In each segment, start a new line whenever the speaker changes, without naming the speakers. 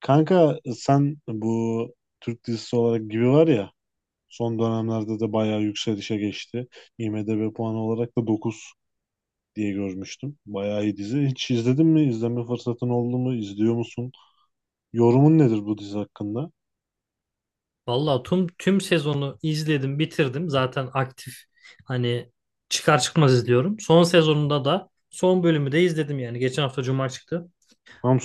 Kanka sen bu Türk dizisi olarak gibi var ya son dönemlerde de bayağı yükselişe geçti. IMDb puanı olarak da 9 diye görmüştüm. Bayağı iyi dizi. Hiç izledin mi? İzleme fırsatın oldu mu? İzliyor musun? Yorumun nedir bu dizi hakkında?
Vallahi tüm sezonu izledim, bitirdim. Zaten aktif hani çıkar çıkmaz izliyorum. Son sezonunda da son bölümü de izledim yani. Geçen hafta Cuma çıktı.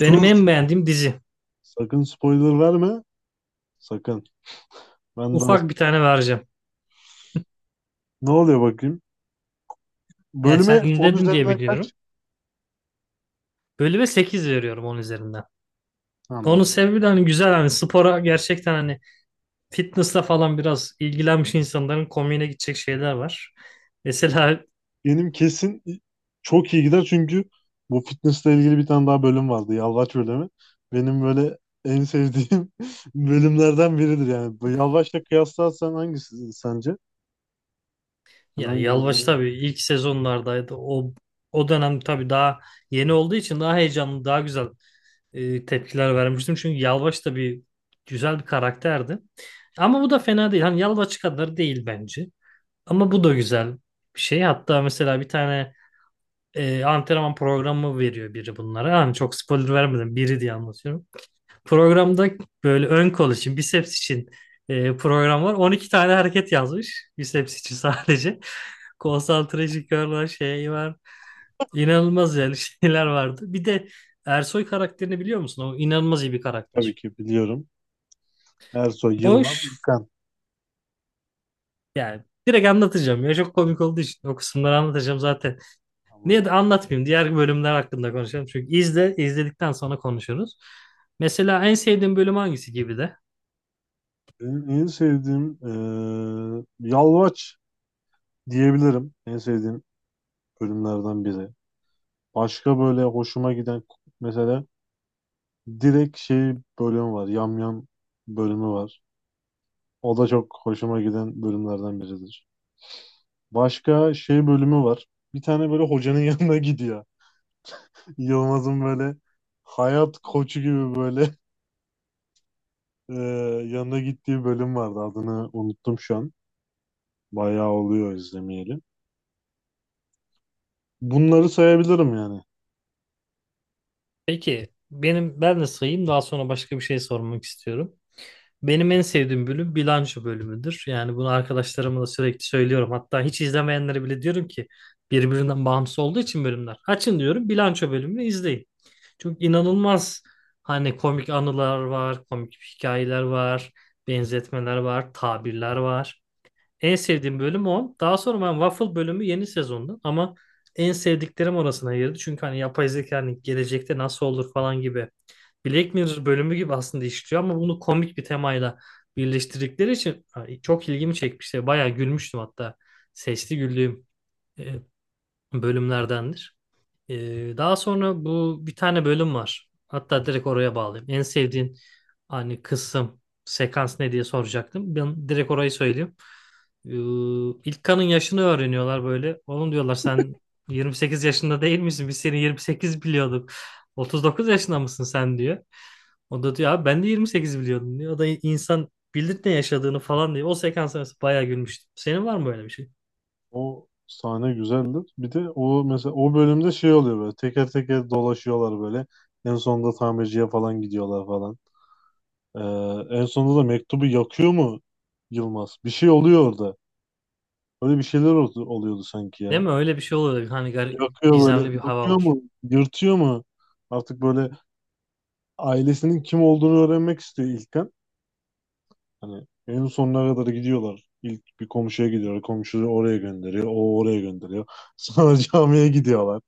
Benim en beğendiğim dizi.
sakın spoiler verme. Sakın. Ben daha
Ufak bir tane vereceğim.
ne oluyor bakayım?
Yani sen
Bölüme 10
izledin diye
üzerinden kaç?
biliyorum. Bölüme 8 veriyorum onun üzerinden. Onun
Anladım.
sebebi de hani güzel hani spora gerçekten hani fitness'la falan biraz ilgilenmiş insanların komiğine gidecek şeyler var. Mesela
Benim kesin çok iyi gider çünkü bu fitnessle ilgili bir tane daha bölüm vardı. Yalvaç bölümü. Benim böyle en sevdiğim bölümlerden biridir yani. Bu Yalvaç'la kıyaslarsan hangisi sence? Ben
ya Yalvaç
hangisi?
tabii ilk sezonlardaydı. O dönem tabii daha yeni olduğu için daha heyecanlı, daha güzel tepkiler vermiştim. Çünkü Yalvaç da bir güzel bir karakterdi. Ama bu da fena değil. Hani Yalvaç kadar değil bence. Ama bu da güzel bir şey. Hatta mesela bir tane antrenman programı veriyor biri bunlara. Hani çok spoiler vermedim. Biri diye anlatıyorum. Programda böyle ön kol için, biceps için program var. 12 tane hareket yazmış. Biceps için sadece. Concentration Curl var, şey var. İnanılmaz yani şeyler vardı. Bir de Ersoy karakterini biliyor musun? O inanılmaz iyi bir
Tabii
karakter.
ki biliyorum. Ersoy,
O
Yılmaz,
ş-
İlkan.
Yani direkt anlatacağım. Ya çok komik olduğu için o kısımları anlatacağım zaten.
Ama
Niye de anlatmayayım? Diğer bölümler hakkında konuşalım. Çünkü izledikten sonra konuşuruz. Mesela en sevdiğin bölüm hangisi gibi de?
benim en sevdiğim Yalvaç diyebilirim. En sevdiğim bölümlerden biri. Başka böyle hoşuma giden mesela direkt şey bölümü var. Yamyam bölümü var. O da çok hoşuma giden bölümlerden biridir. Başka şey bölümü var. Bir tane böyle hocanın yanına gidiyor. Yılmaz'ın böyle hayat koçu gibi böyle e, yanına gittiği bölüm vardı. Adını unuttum şu an. Bayağı oluyor izlemeyeli. Bunları sayabilirim yani.
Peki benim ben de sayayım daha sonra başka bir şey sormak istiyorum. Benim en sevdiğim bölüm bilanço bölümüdür. Yani bunu arkadaşlarıma da sürekli söylüyorum. Hatta hiç izlemeyenlere bile diyorum ki birbirinden bağımsız olduğu için bölümler. Açın diyorum bilanço bölümünü izleyin. Çünkü inanılmaz hani komik anılar var, komik hikayeler var, benzetmeler var, tabirler var. En sevdiğim bölüm o. Daha sonra ben Waffle bölümü yeni sezonda ama en sevdiklerim orasına girdi. Çünkü hani yapay zeka hani gelecekte nasıl olur falan gibi. Black Mirror bölümü gibi aslında işliyor ama bunu komik bir temayla birleştirdikleri için hani çok ilgimi çekmişti. Bayağı gülmüştüm hatta. Sesli güldüğüm e, bölümlerdendir. Daha sonra bu bir tane bölüm var. Hatta direkt oraya bağlayayım. En sevdiğin hani kısım, sekans ne diye soracaktım. Ben direkt orayı söyleyeyim. İlk İlkan'ın yaşını öğreniyorlar böyle. Oğlum diyorlar sen 28 yaşında değil misin? Biz seni 28 biliyorduk. 39 yaşında mısın sen diyor. O da diyor abi ben de 28 biliyordum diyor. O da insan bilir ne yaşadığını falan diyor. O sekans arası bayağı gülmüştüm. Senin var mı böyle bir şey?
O sahne güzeldir. Bir de o mesela o bölümde şey oluyor böyle teker teker dolaşıyorlar böyle. En sonunda tamirciye falan gidiyorlar falan. E, en sonunda da mektubu yakıyor mu Yılmaz? Bir şey oluyor orada. Öyle bir şeyler oldu, oluyordu sanki
Değil
ya.
mi? Öyle bir şey oluyor.
Yakıyor böyle.
Gizemli bir hava
Yakıyor
var.
mu? Yırtıyor mu? Artık böyle ailesinin kim olduğunu öğrenmek istiyor İlkan. Hani en sonuna kadar gidiyorlar. İlk bir komşuya gidiyorlar. Komşuyu oraya gönderiyor. O oraya gönderiyor. Sonra camiye gidiyorlar.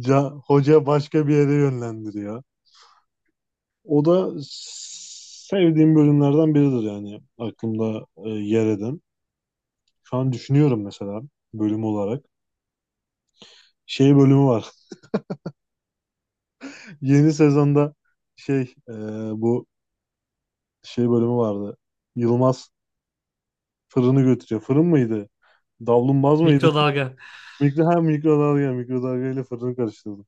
Ca Hoca başka bir yere yönlendiriyor. O da sevdiğim bölümlerden biridir yani. Aklımda yer eden. Şu an düşünüyorum mesela bölüm olarak. Şey bölümü var. Yeni sezonda şey bu şey bölümü vardı. Yılmaz fırını götürüyor. Fırın mıydı? Davlumbaz mıydı?
Mikrodalga.
Ha mikrodalga. Mikrodalga ile fırını karıştırdım.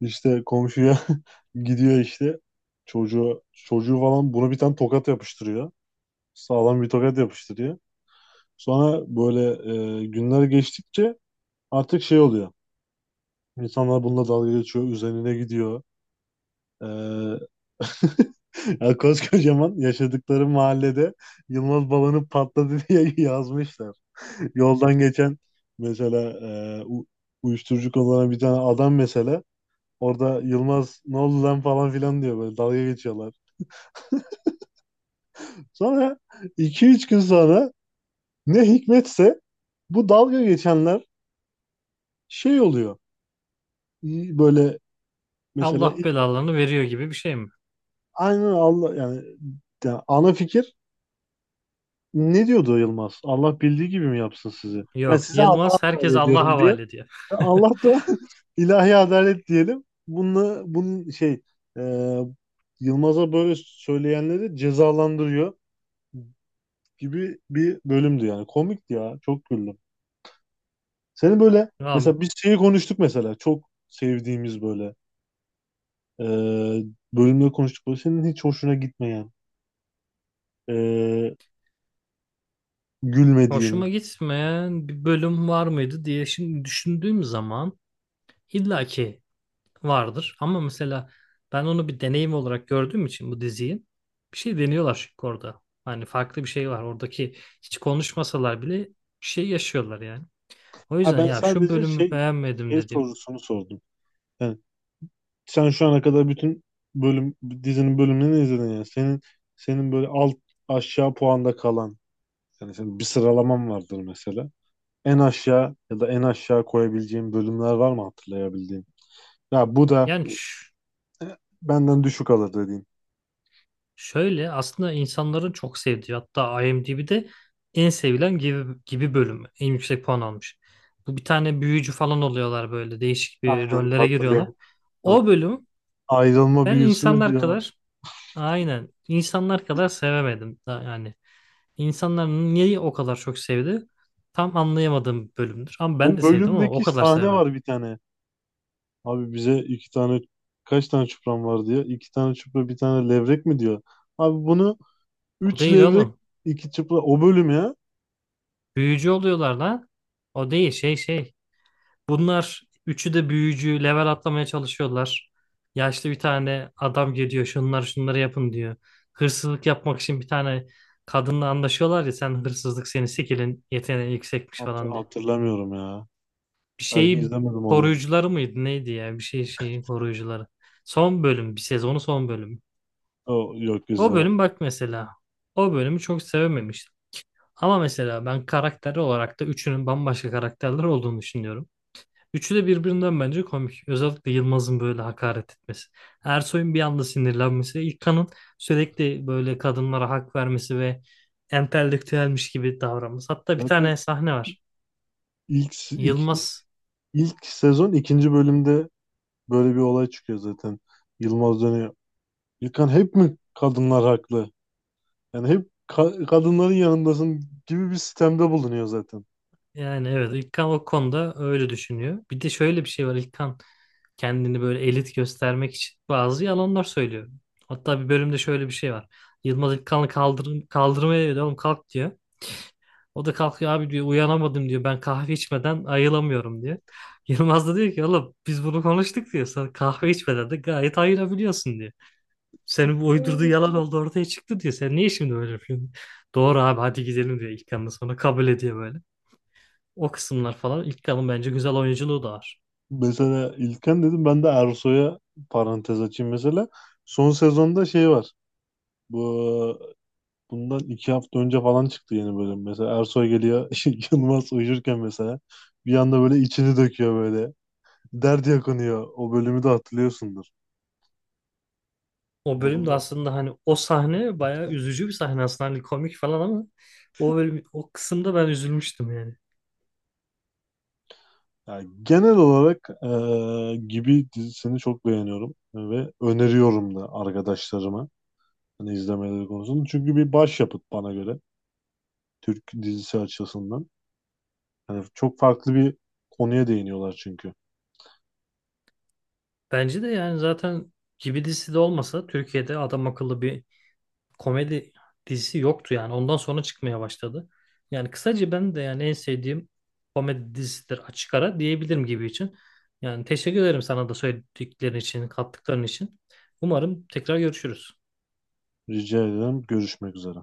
İşte komşuya gidiyor işte. Çocuğu, çocuğu falan buna bir tane tokat yapıştırıyor. Sağlam bir tokat yapıştırıyor. Sonra böyle günler geçtikçe artık şey oluyor. İnsanlar bununla dalga geçiyor. Üzerine gidiyor. E, Ya, koskocaman yaşadıkları mahallede Yılmaz balonu patladı diye yazmışlar. Yoldan geçen mesela e, u- uyuşturucu kullanan bir tane adam mesela orada Yılmaz ne oldu lan falan filan diyor böyle dalga geçiyorlar. Sonra iki üç gün sonra ne hikmetse bu dalga geçenler şey oluyor. İyi. Böyle mesela
Allah belalarını veriyor gibi bir şey mi?
aynen Allah yani, ana fikir. Ne diyordu Yılmaz? Allah bildiği gibi mi yapsın sizi? Ben
Yok.
size Allah'a
Yılmaz herkes
emanet
Allah'a
ediyorum diyor.
havale ediyor.
Allah da ilahi adalet diyelim. Bunun şey e, Yılmaz'a böyle söyleyenleri cezalandırıyor gibi bir bölümdü yani. Komikti ya. Çok güldüm. Senin böyle
Abi
mesela biz şeyi konuştuk mesela. Çok sevdiğimiz böyle e, bölümleri konuştuk. Böyle senin hiç hoşuna gitmeyen e, gülmediğim.
hoşuma gitmeyen bir bölüm var mıydı diye şimdi düşündüğüm zaman İlla ki vardır ama mesela ben onu bir deneyim olarak gördüğüm için bu diziyi bir şey deniyorlar çünkü orada. Hani farklı bir şey var. Oradaki hiç konuşmasalar bile bir şey yaşıyorlar yani. O
Ha,
yüzden
ben
ya şu
sadece
bölümü
şey
beğenmedim
şey
dediğim.
sorusunu sordum. Yani sen şu ana kadar bütün bölüm dizinin bölümlerini izledin yani. Senin böyle alt aşağı puanda kalan, yani senin bir sıralaman vardır mesela. En aşağı ya da en aşağı koyabileceğin bölümler var mı hatırlayabildiğin? Ya bu da
Yani ş-
benden düşük alır dediğin.
Şöyle aslında insanların çok sevdiği hatta IMDb'de en sevilen gibi, gibi bölümü. En yüksek puan almış. Bu bir tane büyücü falan oluyorlar böyle değişik bir
Aynen,
rollere giriyorlar.
hatırlayam. hat-
O bölüm
Ayrılma
ben
büyüsü mü
insanlar
diyor.
kadar Aynen. İnsanlar kadar sevemedim. Yani insanlar niye o kadar çok sevdi? Tam anlayamadığım bir bölümdür. Ama ben
O
de sevdim ama o
bölümdeki
kadar
sahne
sevemedim.
var bir tane. Abi bize iki tane kaç tane çupram var diyor. İki tane çupra bir tane levrek mi diyor. Abi bunu
O
üç
değil
levrek
oğlum.
iki çupra o bölüm ya.
Büyücü oluyorlar lan. O değil şey. Bunlar üçü de büyücü level atlamaya çalışıyorlar. Yaşlı bir tane adam geliyor. Şunlar şunları yapın diyor. Hırsızlık yapmak için bir tane kadınla anlaşıyorlar ya sen hırsızlık seni sikilin yeteneği yüksekmiş
Hat-
falan diye.
hatırlamıyorum ya.
Bir
Belki
şeyi
izlemedim olabilir.
koruyucuları mıydı neydi ya bir şey şeyi koruyucuları. Son bölüm bir sezonu son bölüm.
O, yok
O
izlemedim.
bölüm bak mesela o bölümü çok sevememiştim. Ama mesela ben karakter olarak da üçünün bambaşka karakterler olduğunu düşünüyorum. Üçü de birbirinden bence komik. Özellikle Yılmaz'ın böyle hakaret etmesi. Ersoy'un bir anda sinirlenmesi. İlkan'ın sürekli böyle kadınlara hak vermesi ve entelektüelmiş gibi davranması. Hatta bir
Zaten
tane sahne var.
ilk, ilk,
Yılmaz
ilk, sezon ikinci bölümde böyle bir olay çıkıyor zaten. Yılmaz dönüyor. İlkan, hep mi kadınlar haklı? Yani hep kadınların yanındasın gibi bir sistemde bulunuyor zaten.
Yani evet İlkan o konuda öyle düşünüyor. Bir de şöyle bir şey var İlkan kendini böyle elit göstermek için bazı yalanlar söylüyor. Hatta bir bölümde şöyle bir şey var. Yılmaz İlkan'ı kaldır kaldırmaya diyor oğlum kalk diyor. O da kalkıyor abi diyor uyanamadım diyor ben kahve içmeden ayılamıyorum diyor. Yılmaz da diyor ki oğlum biz bunu konuştuk diyor. Sen kahve içmeden de gayet ayılabiliyorsun diyor. Senin bu uydurduğu yalan oldu ortaya çıktı diyor. Sen niye şimdi böyle yapıyorsun? Doğru abi hadi gidelim diyor İlkan da sonra kabul ediyor böyle. O kısımlar falan ilk kalın bence güzel oyunculuğu da var.
Mesela İlkan dedim, ben de Ersoy'a parantez açayım mesela. Son sezonda şey var. Bu Bundan 2 hafta önce falan çıktı yeni bölüm. Mesela Ersoy geliyor Yılmaz uyurken mesela bir anda böyle içini döküyor böyle. Dert yakınıyor. O bölümü de hatırlıyorsundur.
O
O
bölüm de
da-
aslında hani o sahne bayağı üzücü bir sahne aslında hani komik falan ama o bölüm o kısımda ben üzülmüştüm yani.
yani genel olarak gibi dizisini çok beğeniyorum ve öneriyorum da arkadaşlarıma hani izlemeleri konusunda. Çünkü bir başyapıt bana göre Türk dizisi açısından. Hani çok farklı bir konuya değiniyorlar çünkü.
Bence de yani zaten gibi dizisi de olmasa Türkiye'de adam akıllı bir komedi dizisi yoktu yani. Ondan sonra çıkmaya başladı. Yani kısaca ben de yani en sevdiğim komedi dizisidir açık ara diyebilirim gibi için. Yani teşekkür ederim sana da söylediklerin için, kattıkların için. Umarım tekrar görüşürüz.
Rica ederim. Görüşmek üzere.